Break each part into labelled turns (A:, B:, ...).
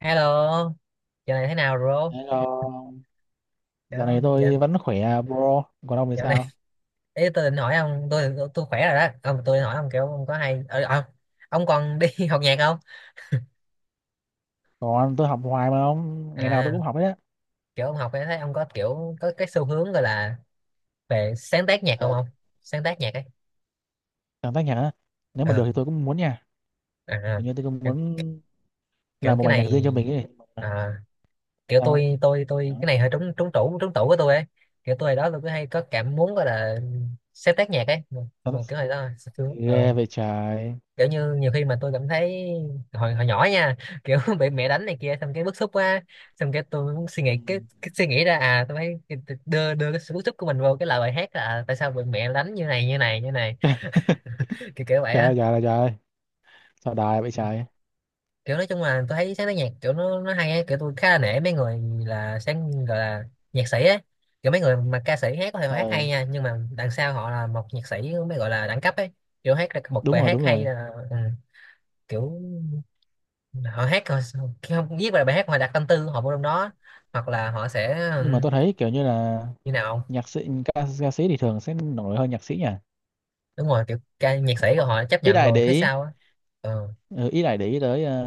A: Hello, giờ này thế nào rồi?
B: Hello, dạo
A: Dạo,
B: này
A: giờ,
B: tôi vẫn khỏe bro, còn ông thì
A: dạo này
B: sao?
A: ý tôi định hỏi ông, tôi khỏe rồi đó. Ông tôi định hỏi ông kiểu ông có hay ông còn đi học nhạc không?
B: Còn tôi học hoài mà ông, ngày nào tôi
A: À,
B: cũng học hết á.
A: kiểu ông học ấy thấy ông có kiểu có cái xu hướng gọi là về sáng tác nhạc không
B: Ờ,
A: ông? Sáng tác nhạc ấy.
B: chẳng tách nhở, nếu mà được
A: Ờ,
B: thì tôi cũng muốn nha.
A: à, à,
B: Kiểu như tôi cũng
A: kiểu,
B: muốn
A: kiểu
B: làm một
A: cái
B: bài nhạc
A: này
B: riêng cho mình ấy.
A: à, kiểu
B: Sao?
A: tôi tôi
B: Chẳng
A: tôi cái
B: nói
A: này hơi
B: sao.
A: trúng trúng tủ của tôi ấy. Kiểu tôi hồi đó tôi cứ hay có cảm muốn gọi là sáng tác nhạc ấy,
B: Sao
A: nhưng
B: nó-
A: mà kiểu hồi đó
B: Ghê vậy trời.
A: kiểu như nhiều khi mà tôi cảm thấy hồi hồi nhỏ nha, kiểu bị mẹ đánh này kia xong cái bức xúc quá, xong cái tôi muốn suy nghĩ
B: Ừ.
A: cái suy nghĩ ra à tôi phải đưa đưa cái sự bức xúc của mình vô cái lời bài hát là à, tại sao bị mẹ đánh như này như này như này, kiểu kiểu vậy
B: Trời
A: á.
B: ơi, trời ơi, trời ơi. Sao đài vậy trời.
A: Kiểu nói chung là tôi thấy sáng tác nhạc kiểu nó hay ấy. Kiểu tôi khá là nể mấy người là sáng gọi là nhạc sĩ ấy, kiểu mấy người mà ca sĩ hát có thể mà hát
B: Ờ,
A: hay nha nhưng mà đằng sau họ là một nhạc sĩ mới gọi là đẳng cấp ấy. Kiểu hát được một
B: đúng
A: bài
B: rồi,
A: hát
B: đúng
A: hay
B: rồi.
A: là ừ, kiểu họ hát họ khi không viết bài bài hát họ đặt tâm tư của họ vô trong đó, hoặc là họ sẽ
B: Nhưng mà tôi thấy kiểu như là
A: như nào không?
B: nhạc sĩ, ca sĩ thì thường sẽ nổi hơn nhạc sĩ nhỉ?
A: Đúng rồi, kiểu ca nhạc sĩ rồi họ chấp
B: Ít
A: nhận
B: ai
A: luôn
B: để
A: phía
B: ý,
A: sau á. Ừ.
B: ừ, ít ai để ý tới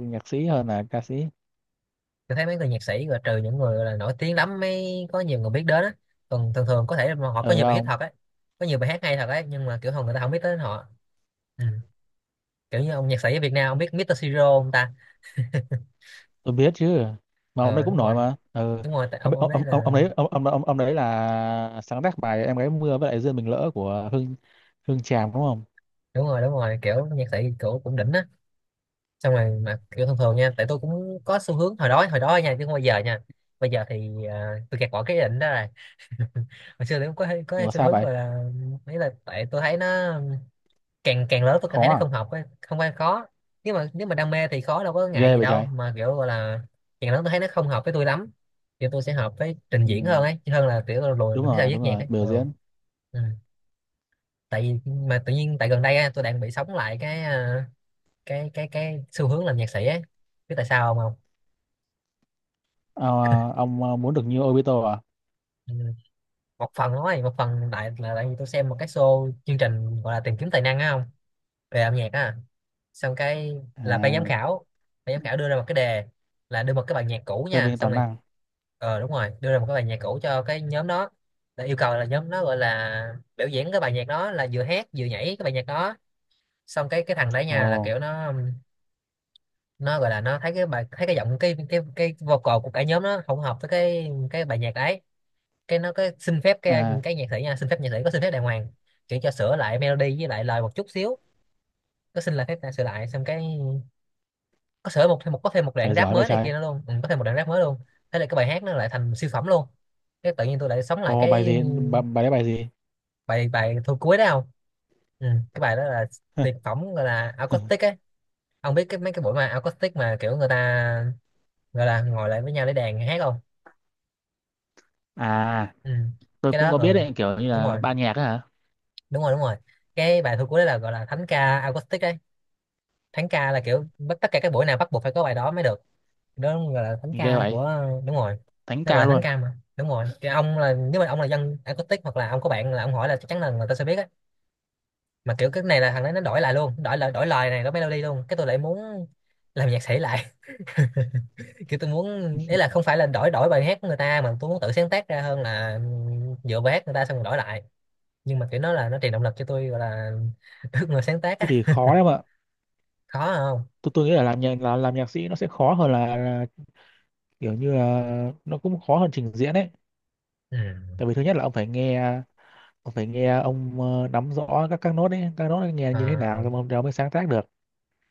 B: nhạc sĩ hơn là ca sĩ.
A: Tôi thấy mấy người nhạc sĩ rồi trừ những người gọi là nổi tiếng lắm mới có nhiều người biết đến á, còn thường thường có thể là họ
B: Ừ
A: có nhiều bài hit
B: không?
A: thật á, có nhiều bài hát hay thật ấy nhưng mà kiểu không, người ta không biết tới họ. Ừ. Kiểu như ông nhạc sĩ ở Việt Nam ông biết Mr. Siro không ta?
B: Tôi biết chứ mà ông đấy
A: Ờ
B: cũng
A: đúng
B: nổi
A: rồi,
B: mà ừ.
A: đúng rồi, tại ông đấy là
B: Ông đấy là sáng tác bài em gái mưa với lại duyên mình lỡ của Hương Hương Tràm đúng không.
A: đúng rồi, đúng rồi, kiểu nhạc sĩ cổ cũng đỉnh á. Xong rồi mà kiểu thường thường nha, tại tôi cũng có xu hướng hồi đó nha, chứ không bao giờ nha, bây giờ thì à, tôi gạt bỏ cái ý định đó rồi. Hồi xưa thì cũng có
B: Ủa
A: xu
B: sao
A: hướng
B: vậy.
A: gọi là ấy là tại tôi thấy nó càng càng lớn tôi càng thấy
B: Khó
A: nó
B: à.
A: không học ấy, không phải khó, nếu mà đam mê thì khó đâu có ngại
B: Ghê
A: gì
B: vậy
A: đâu
B: trời.
A: mà kiểu gọi là càng lớn tôi thấy nó không hợp với tôi lắm, kiểu tôi sẽ hợp với trình diễn hơn
B: Ừ.
A: ấy chứ, hơn là kiểu là lùi
B: Đúng
A: về phía sau
B: rồi
A: viết
B: đúng
A: nhạc
B: rồi
A: ấy.
B: biểu
A: Ừ.
B: diễn.
A: Ừ. Tại vì mà tự nhiên tại gần đây á, tôi đang bị sống lại cái à, cái xu hướng làm nhạc sĩ ấy, biết tại sao không? Không?
B: À, ông muốn được như Obito à.
A: Ừ, một phần thôi, một phần tại là tại vì tôi xem một cái show chương trình gọi là tìm kiếm tài năng á, không về âm nhạc á, xong cái là ban giám
B: À,
A: khảo, ban giám khảo đưa ra một cái đề là đưa một cái bài nhạc cũ
B: phê
A: nha,
B: bình
A: xong
B: toàn
A: rồi
B: năng.
A: ờ đúng rồi, đưa ra một cái bài nhạc cũ cho cái nhóm đó, là yêu cầu là nhóm đó gọi là biểu diễn cái bài nhạc đó là vừa hát vừa nhảy cái bài nhạc đó, xong cái thằng đấy
B: Ồ.
A: nha là kiểu nó gọi là nó thấy cái bài, thấy cái giọng cái vocal của cả nhóm nó không hợp với cái bài nhạc đấy, cái nó có xin phép cái
B: À.
A: cái nhạc sĩ nha, xin phép nhạc sĩ, có xin phép đàng hoàng kiểu cho sửa lại melody với lại lời một chút xíu, có xin là phép ta sửa lại, xong cái có sửa một thêm một, có thêm một đoạn
B: Trời
A: rap
B: giỏi vậy
A: mới này
B: trời.
A: kia nữa luôn, ừ, có thêm một đoạn rap mới luôn. Thế là cái bài hát nó lại thành siêu phẩm luôn, cái tự nhiên tôi lại sống lại
B: Ồ bài
A: cái
B: gì bài đấy bài gì.
A: bài, thu cuối đó không? Ừ, cái bài đó là tuyệt phẩm gọi là acoustic ấy. Ông biết cái mấy cái buổi mà acoustic mà kiểu người ta gọi là ngồi lại với nhau để đàn hát không?
B: À
A: Ừ.
B: tôi
A: Cái
B: cũng
A: đó
B: có biết
A: ừ
B: đấy kiểu như
A: đúng
B: là
A: rồi,
B: ban nhạc á hả.
A: đúng rồi, đúng rồi, cái bài thu cuối đấy là gọi là thánh ca acoustic đấy. Thánh ca là kiểu tất cả các buổi nào bắt buộc phải có bài đó mới được, đó gọi là thánh
B: Ghê
A: ca
B: vậy.
A: của, đúng rồi,
B: Thánh
A: nó gọi
B: ca
A: là thánh
B: luôn.
A: ca mà, đúng rồi. Cái ông là nếu mà ông là dân acoustic hoặc là ông có bạn là ông hỏi là chắc chắn là người ta sẽ biết á. Mà kiểu cái này là thằng đấy nó đổi lại luôn, đổi lại đổi lời này, đổi melody luôn, cái tôi lại muốn làm nhạc sĩ lại. Kiểu tôi muốn, ý là không phải là đổi đổi bài hát của người ta mà tôi muốn tự sáng tác ra hơn là dựa bài hát người ta xong rồi đổi lại, nhưng mà kiểu nó là nó truyền động lực cho tôi gọi là ước mơ sáng tác
B: Thế thì
A: á.
B: khó đấy mà.
A: Khó không?
B: Tôi nghĩ là làm nhạc sĩ nó sẽ khó hơn là. Kiểu như là nó cũng khó hơn trình diễn ấy.
A: Ừ.
B: Tại vì thứ nhất là ông phải nghe. Ông phải nghe ông nắm rõ các nốt ấy, các nốt ấy nghe như thế nào
A: À,
B: rồi ông mới sáng tác được.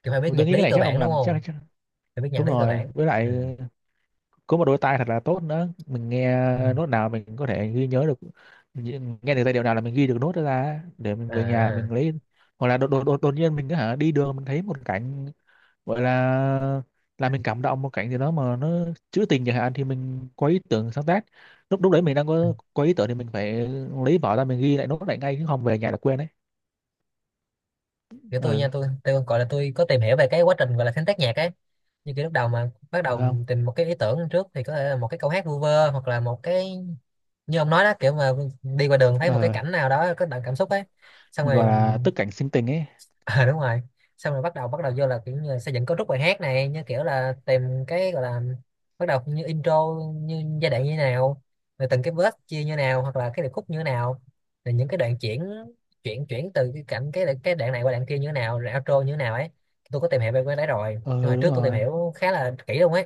A: kiểu phải biết
B: Mà tôi
A: nhạc
B: nghĩ cái
A: lý
B: này
A: cơ
B: chắc ông
A: bản đúng
B: làm
A: không?
B: chắc.
A: Phải biết nhạc
B: Đúng
A: lý cơ
B: rồi
A: bản.
B: với lại
A: Ừ.
B: có một đôi tai thật là tốt nữa mình nghe
A: Ừ.
B: nốt nào mình có thể ghi nhớ được, nghe được giai điệu nào là mình ghi được nốt đó ra để mình về nhà mình
A: À.
B: lấy, hoặc là đột nhiên mình cứ hả đi đường mình thấy một cảnh. Vậy là mình cảm động một cảnh gì đó mà nó trữ tình chẳng hạn thì mình có ý tưởng sáng tác. Lúc lúc đấy mình đang
A: Ừ.
B: có ý tưởng thì mình phải lấy vở ra mình ghi lại nốt lại ngay chứ không về nhà là quên đấy.
A: Kiểu tôi
B: Ừ,
A: nha, tôi gọi là tôi có tìm hiểu về cái quá trình gọi là sáng tác nhạc ấy, như kiểu lúc đầu mà bắt
B: phải
A: đầu
B: không?
A: tìm một cái ý tưởng trước thì có thể là một cái câu hát vu vơ hoặc là một cái như ông nói đó, kiểu mà đi qua đường thấy một cái
B: Ờ,
A: cảnh nào đó có đậm cảm xúc ấy, xong
B: gọi
A: rồi
B: là tức cảnh sinh tình ấy.
A: à, đúng rồi, xong rồi bắt đầu vô là kiểu như là xây dựng cấu trúc bài hát này, như kiểu là tìm cái gọi là bắt đầu như intro như giai đoạn như thế nào, rồi từng cái verse chia như nào hoặc là cái điệp khúc như thế nào, rồi những cái đoạn chuyển, chuyển từ cái cảnh cái đoạn này qua đoạn kia như thế nào, rồi outro như thế nào ấy. Tôi có tìm hiểu về cái đấy rồi, tôi
B: Ờ
A: hồi
B: đúng
A: trước tôi tìm
B: rồi.
A: hiểu khá là kỹ luôn ấy,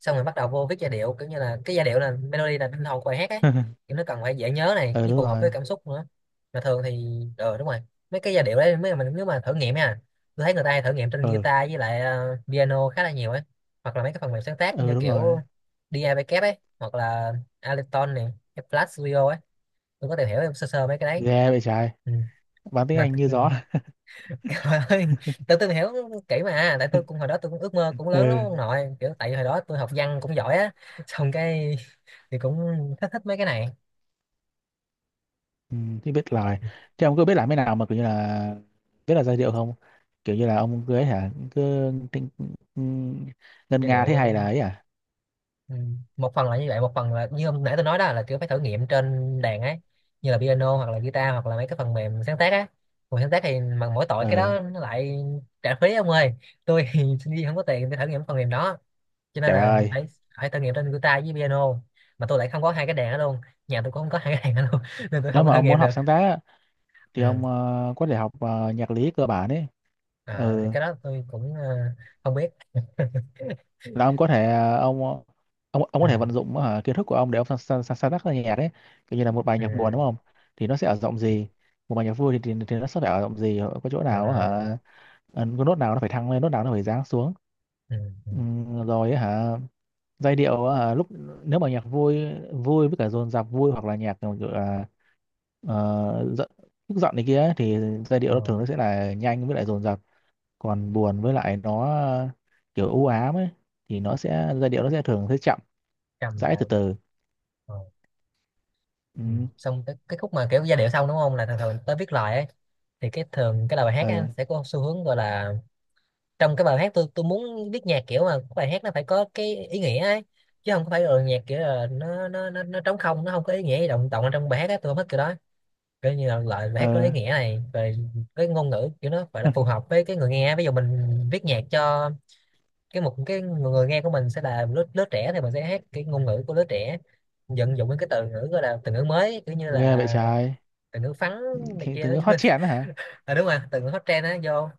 A: xong rồi bắt đầu vô viết giai điệu, kiểu như là cái giai điệu là melody là tinh hồn của bài hát ấy, kiểu nó cần phải dễ nhớ này
B: Ờ
A: với
B: đúng
A: phù hợp với
B: rồi.
A: cảm xúc nữa. Mà thường thì ờ đúng rồi, mấy cái giai điệu đấy mấy mình nếu mà thử nghiệm nha, tôi thấy người ta hay thử nghiệm trên
B: Ờ
A: guitar với lại piano khá là nhiều ấy, hoặc là mấy cái phần mềm sáng tác như
B: ờ đúng rồi.
A: kiểu DAW ấy, hoặc là Ableton này, Flash Studio ấy, tôi có tìm hiểu sơ sơ mấy cái đấy.
B: Ghê vậy trời.
A: Ừ.
B: Bán tiếng
A: mà
B: Anh như
A: ừ,
B: gió.
A: ơi, tôi hiểu kỹ mà, tại tôi cũng hồi đó tôi cũng ước mơ cũng lớn lắm
B: Ừ,
A: ông nội, kiểu tại vì hồi đó tôi học văn cũng giỏi á, xong cái thì cũng thích thích mấy cái này.
B: ừ thì biết lời. Thế ông cứ biết làm thế nào mà kiểu như là biết là giai điệu không? Kiểu như là ông cứ cưới hả? Ngân
A: Giai
B: nga thế
A: điệu
B: hay là ấy à?
A: ừ, một phần là như vậy, một phần là như hôm nãy tôi nói đó là kiểu phải thử nghiệm trên đàn ấy, như là piano hoặc là guitar hoặc là mấy cái phần mềm sáng tác á, còn sáng tác thì mà mỗi tội cái
B: Ừ
A: đó nó lại trả phí ông ơi. Tôi thì sinh viên không có tiền để thử nghiệm phần mềm đó, cho nên
B: trời
A: là
B: ơi
A: phải phải thử nghiệm trên guitar với piano, mà tôi lại không có hai cái đàn đó luôn, nhà tôi cũng không có hai cái đàn đó luôn nên tôi
B: nếu
A: không có
B: mà
A: thử
B: ông
A: nghiệm
B: muốn
A: được.
B: học sáng tác á, thì
A: Ừ.
B: ông có thể học nhạc lý cơ bản ấy.
A: À, thì
B: Ừ
A: cái đó tôi cũng không biết.
B: là ông có thể ông ông
A: Ừ.
B: có thể vận dụng kiến thức của ông để ông sáng tác ra nhạc ấy. Kiểu như là một bài
A: Ừ.
B: nhạc buồn đúng không, thì nó sẽ ở giọng gì. Một bài nhạc vui thì thì nó sẽ phải ở giọng gì có chỗ nào hả.
A: À.
B: Có nốt nào nó phải thăng lên nốt nào nó phải giáng xuống.
A: Ừ. Ừ.
B: Ừ, rồi hả. Giai điệu à, lúc nếu mà nhạc vui, vui với cả dồn dập vui hoặc là nhạc kiểu kiểu là giận tức giận này kia ấy, thì giai điệu
A: Ờ,
B: nó thường nó sẽ là nhanh với lại dồn dập. Còn buồn với lại nó kiểu u ám ấy, thì nó sẽ giai điệu nó sẽ thường sẽ chậm
A: cầm
B: rãi
A: lại
B: từ
A: rồi.
B: từ.
A: Ờ.
B: Ừ
A: Ừ. Xong cái khúc mà kiểu giai điệu xong đúng không là thường thường tới viết lời ấy. Thì cái thường cái lời bài hát
B: ờ
A: ấy sẽ có xu hướng gọi là trong cái bài hát, tôi muốn viết nhạc kiểu mà bài hát nó phải có cái ý nghĩa ấy, chứ không có phải là nhạc kiểu là nó trống không, nó không có ý nghĩa gì, động động ở trong bài hát ấy. Tôi không thích kiểu đó, kiểu như là loại bài hát có ý
B: ờ.
A: nghĩa này rồi. Cái ngôn ngữ kiểu nó phải là phù hợp với cái người nghe. Ví dụ mình viết nhạc cho cái một cái người nghe của mình sẽ là lứa lứa trẻ thì mình sẽ hát cái ngôn ngữ của lứa trẻ, vận dụng những cái từ ngữ, gọi là từ ngữ mới, kiểu như
B: Ghê
A: là
B: vậy trái.
A: từ ngữ phắn này
B: Cái
A: kia đó
B: thứ
A: chúng
B: hot
A: mình.
B: trend đó hả.
A: À, đúng rồi, từ ngữ hot trend á vô.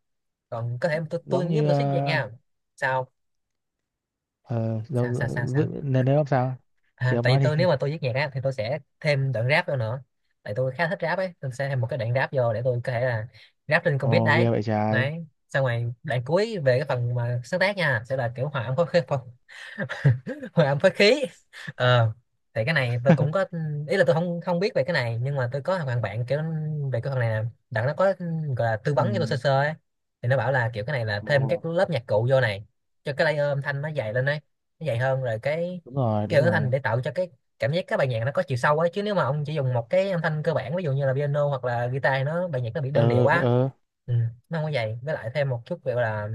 A: Còn có thể tôi
B: Giống
A: nhớ
B: như
A: tôi thích vậy nha. Sao
B: ờ,
A: sao
B: giống
A: sao sao sao?
B: nên nếu ông sao thì
A: À,
B: ông
A: tại vì
B: nói
A: tôi, nếu
B: đi.
A: mà tôi viết nhạc á thì tôi sẽ thêm đoạn rap vô nữa. Tại tôi khá thích rap ấy, tôi sẽ thêm một cái đoạn rap vô để tôi có thể là rap trên con beat
B: Ồ
A: đấy.
B: ghê vậy trái.
A: Đấy, xong rồi đoạn cuối về cái phần mà sáng tác nha sẽ là kiểu hòa âm phối khí. Hòa âm phối khí. ờ thì cái này tôi cũng có ý là tôi không không biết về cái này, nhưng mà tôi có thằng bạn kiểu về cái phần này nè, đặng nó có gọi là tư
B: Ừ.
A: vấn cho tôi sơ sơ ấy. Thì nó bảo là kiểu cái này là thêm
B: Ồ.
A: các lớp nhạc cụ vô này, cho cái layer âm thanh nó dày lên đấy, nó dày hơn rồi cái
B: Đúng rồi
A: kiểu
B: đúng
A: âm thanh
B: rồi.
A: để tạo cho cái cảm giác các bài nhạc nó có chiều sâu ấy. Chứ nếu mà ông chỉ dùng một cái âm thanh cơ bản, ví dụ như là piano hoặc là guitar, thì nó bài nhạc nó bị đơn điệu
B: Ờ
A: quá.
B: ờ.
A: Ừ, nó không có vậy, với lại thêm một chút kiểu là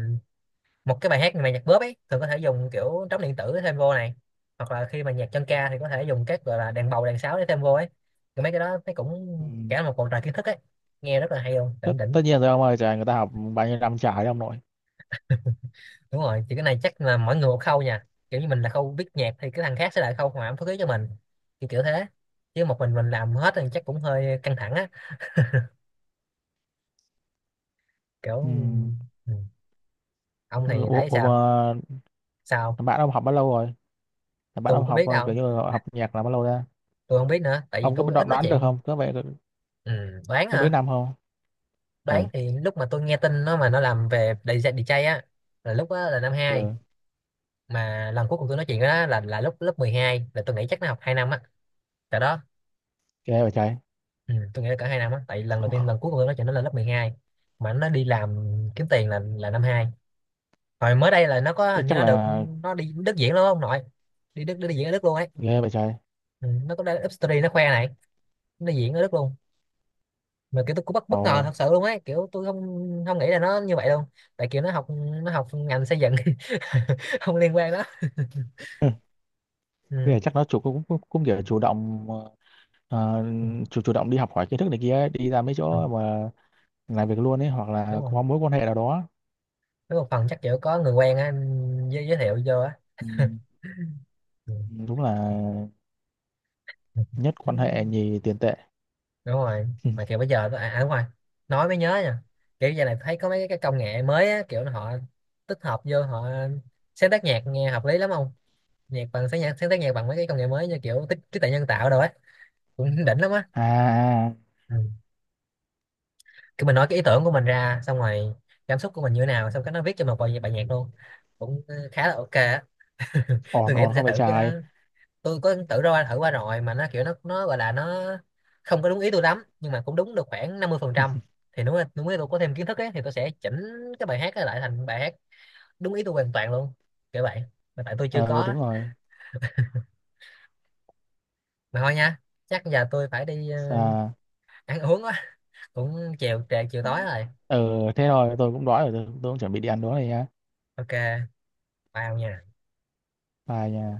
A: một cái bài hát mà nhạc bóp ấy thường có thể dùng kiểu trống điện tử thêm vô này, hoặc là khi mà nhạc chân ca thì có thể dùng các gọi là đàn bầu, đàn sáo để thêm vô ấy. Thì mấy cái đó thấy
B: Ừ.
A: cũng cả một bầu trời kiến thức ấy, nghe rất là hay luôn, đỉnh đỉnh.
B: Tất nhiên rồi ông ơi trời người ta học bao nhiêu năm trời đấy ông nội.
A: Đúng rồi, thì cái này chắc là mỗi người một khâu nha, kiểu như mình là khâu viết nhạc thì cái thằng khác sẽ là khâu hòa âm phối khí cho mình, kiểu kiểu thế. Chứ một mình làm hết thì chắc cũng hơi căng thẳng á,
B: Ừ.
A: kiểu. Ừ. Ông thì thấy
B: Ủa
A: sao?
B: mà
A: Sao?
B: thằng bạn ông học bao lâu rồi, thằng bạn
A: Tôi
B: ông
A: có
B: học
A: biết
B: kiểu
A: đâu,
B: như là học nhạc là bao lâu ra.
A: tôi không biết nữa tại vì
B: Ông có biết
A: tôi ít
B: đoán
A: nói
B: đoán được
A: chuyện.
B: không có vậy.
A: Ừ. Đoán
B: Có mấy
A: hả?
B: năm không. Ừ.
A: Đoán thì lúc mà tôi nghe tin nó mà nó làm về đi gi đi DJ á là lúc đó là năm hai.
B: Ừ.
A: Mà lần cuối cùng tôi nói chuyện đó là lúc lớp 12, là tôi nghĩ chắc nó học 2 năm á tại đó.
B: Ghê vậy trời.
A: Ừ, tôi nghĩ là cả 2 năm á, tại lần đầu tiên lần
B: Ủa,
A: cuối cùng tôi nói chuyện nó là lớp 12. Mà nó đi làm kiếm tiền là năm hai. Hồi mới đây là nó có,
B: thế
A: hình như
B: chắc
A: nó được,
B: là
A: nó đi Đức diễn luôn không nội, đi Đức đi diễn ở Đức luôn ấy.
B: ghê vậy trời
A: Ừ, nó có up story nó khoe này, nó đi diễn ở Đức luôn. Mà kiểu tôi cũng bất bất
B: ồ.
A: ngờ thật sự luôn ấy, kiểu tôi không không nghĩ là nó như vậy luôn. Tại kiểu nó học, nó học ngành xây dựng. Không liên quan đó.
B: Ừ. Bây
A: Ừ.
B: giờ chắc nó chủ cũng cũng, cũng kiểu chủ động ờ,
A: Ừ.
B: chủ chủ động đi học hỏi kiến thức này kia ấy, đi ra mấy
A: Ừ,
B: chỗ mà làm việc luôn ấy hoặc
A: đúng
B: là
A: rồi,
B: có mối quan hệ nào đó.
A: với một phần chắc kiểu có người quen á, giới thiệu vô á.
B: Ừ.
A: Ừ.
B: Đúng là
A: Ừ.
B: nhất
A: Ừ.
B: quan hệ nhì tiền tệ.
A: Đúng rồi.
B: Ừ.
A: Mà kiểu bây giờ tôi à đúng rồi, nói mới nhớ nha. Kiểu giờ này thấy có mấy cái công nghệ mới á, kiểu họ tích hợp vô họ sáng tác nhạc, nghe hợp lý lắm không. Nhạc bằng sáng, nhạc sáng tác nhạc bằng mấy cái công nghệ mới như kiểu tích trí tuệ nhân tạo đồ á, cũng đỉnh lắm á.
B: À à,
A: Ừ. Kiểu mình nói cái ý tưởng của mình ra xong rồi cảm xúc của mình như thế nào xong cái nó viết cho một bài bài nhạc luôn, cũng khá là ok á. Tôi
B: ổn
A: nghĩ tôi
B: ổn
A: sẽ
B: không phải
A: thử cái
B: trái.
A: đó. Tôi có tự ra thử qua rồi mà nó kiểu nó gọi là nó không có đúng ý tôi lắm, nhưng mà cũng đúng được khoảng 50%. Thì nếu mà đúng ý tôi có thêm kiến thức ấy thì tôi sẽ chỉnh cái bài hát ấy lại thành bài hát đúng ý tôi hoàn toàn luôn, kiểu vậy. Mà tại tôi chưa
B: Ờ
A: có.
B: đúng rồi.
A: Mà thôi nha, chắc giờ tôi phải đi
B: À.
A: ăn uống á, cũng chiều trễ chiều tối rồi.
B: Ừ thế rồi tôi cũng đói rồi tôi cũng chuẩn bị đi ăn đói này nhá.
A: Ok, bye ông nha.
B: Bye nha.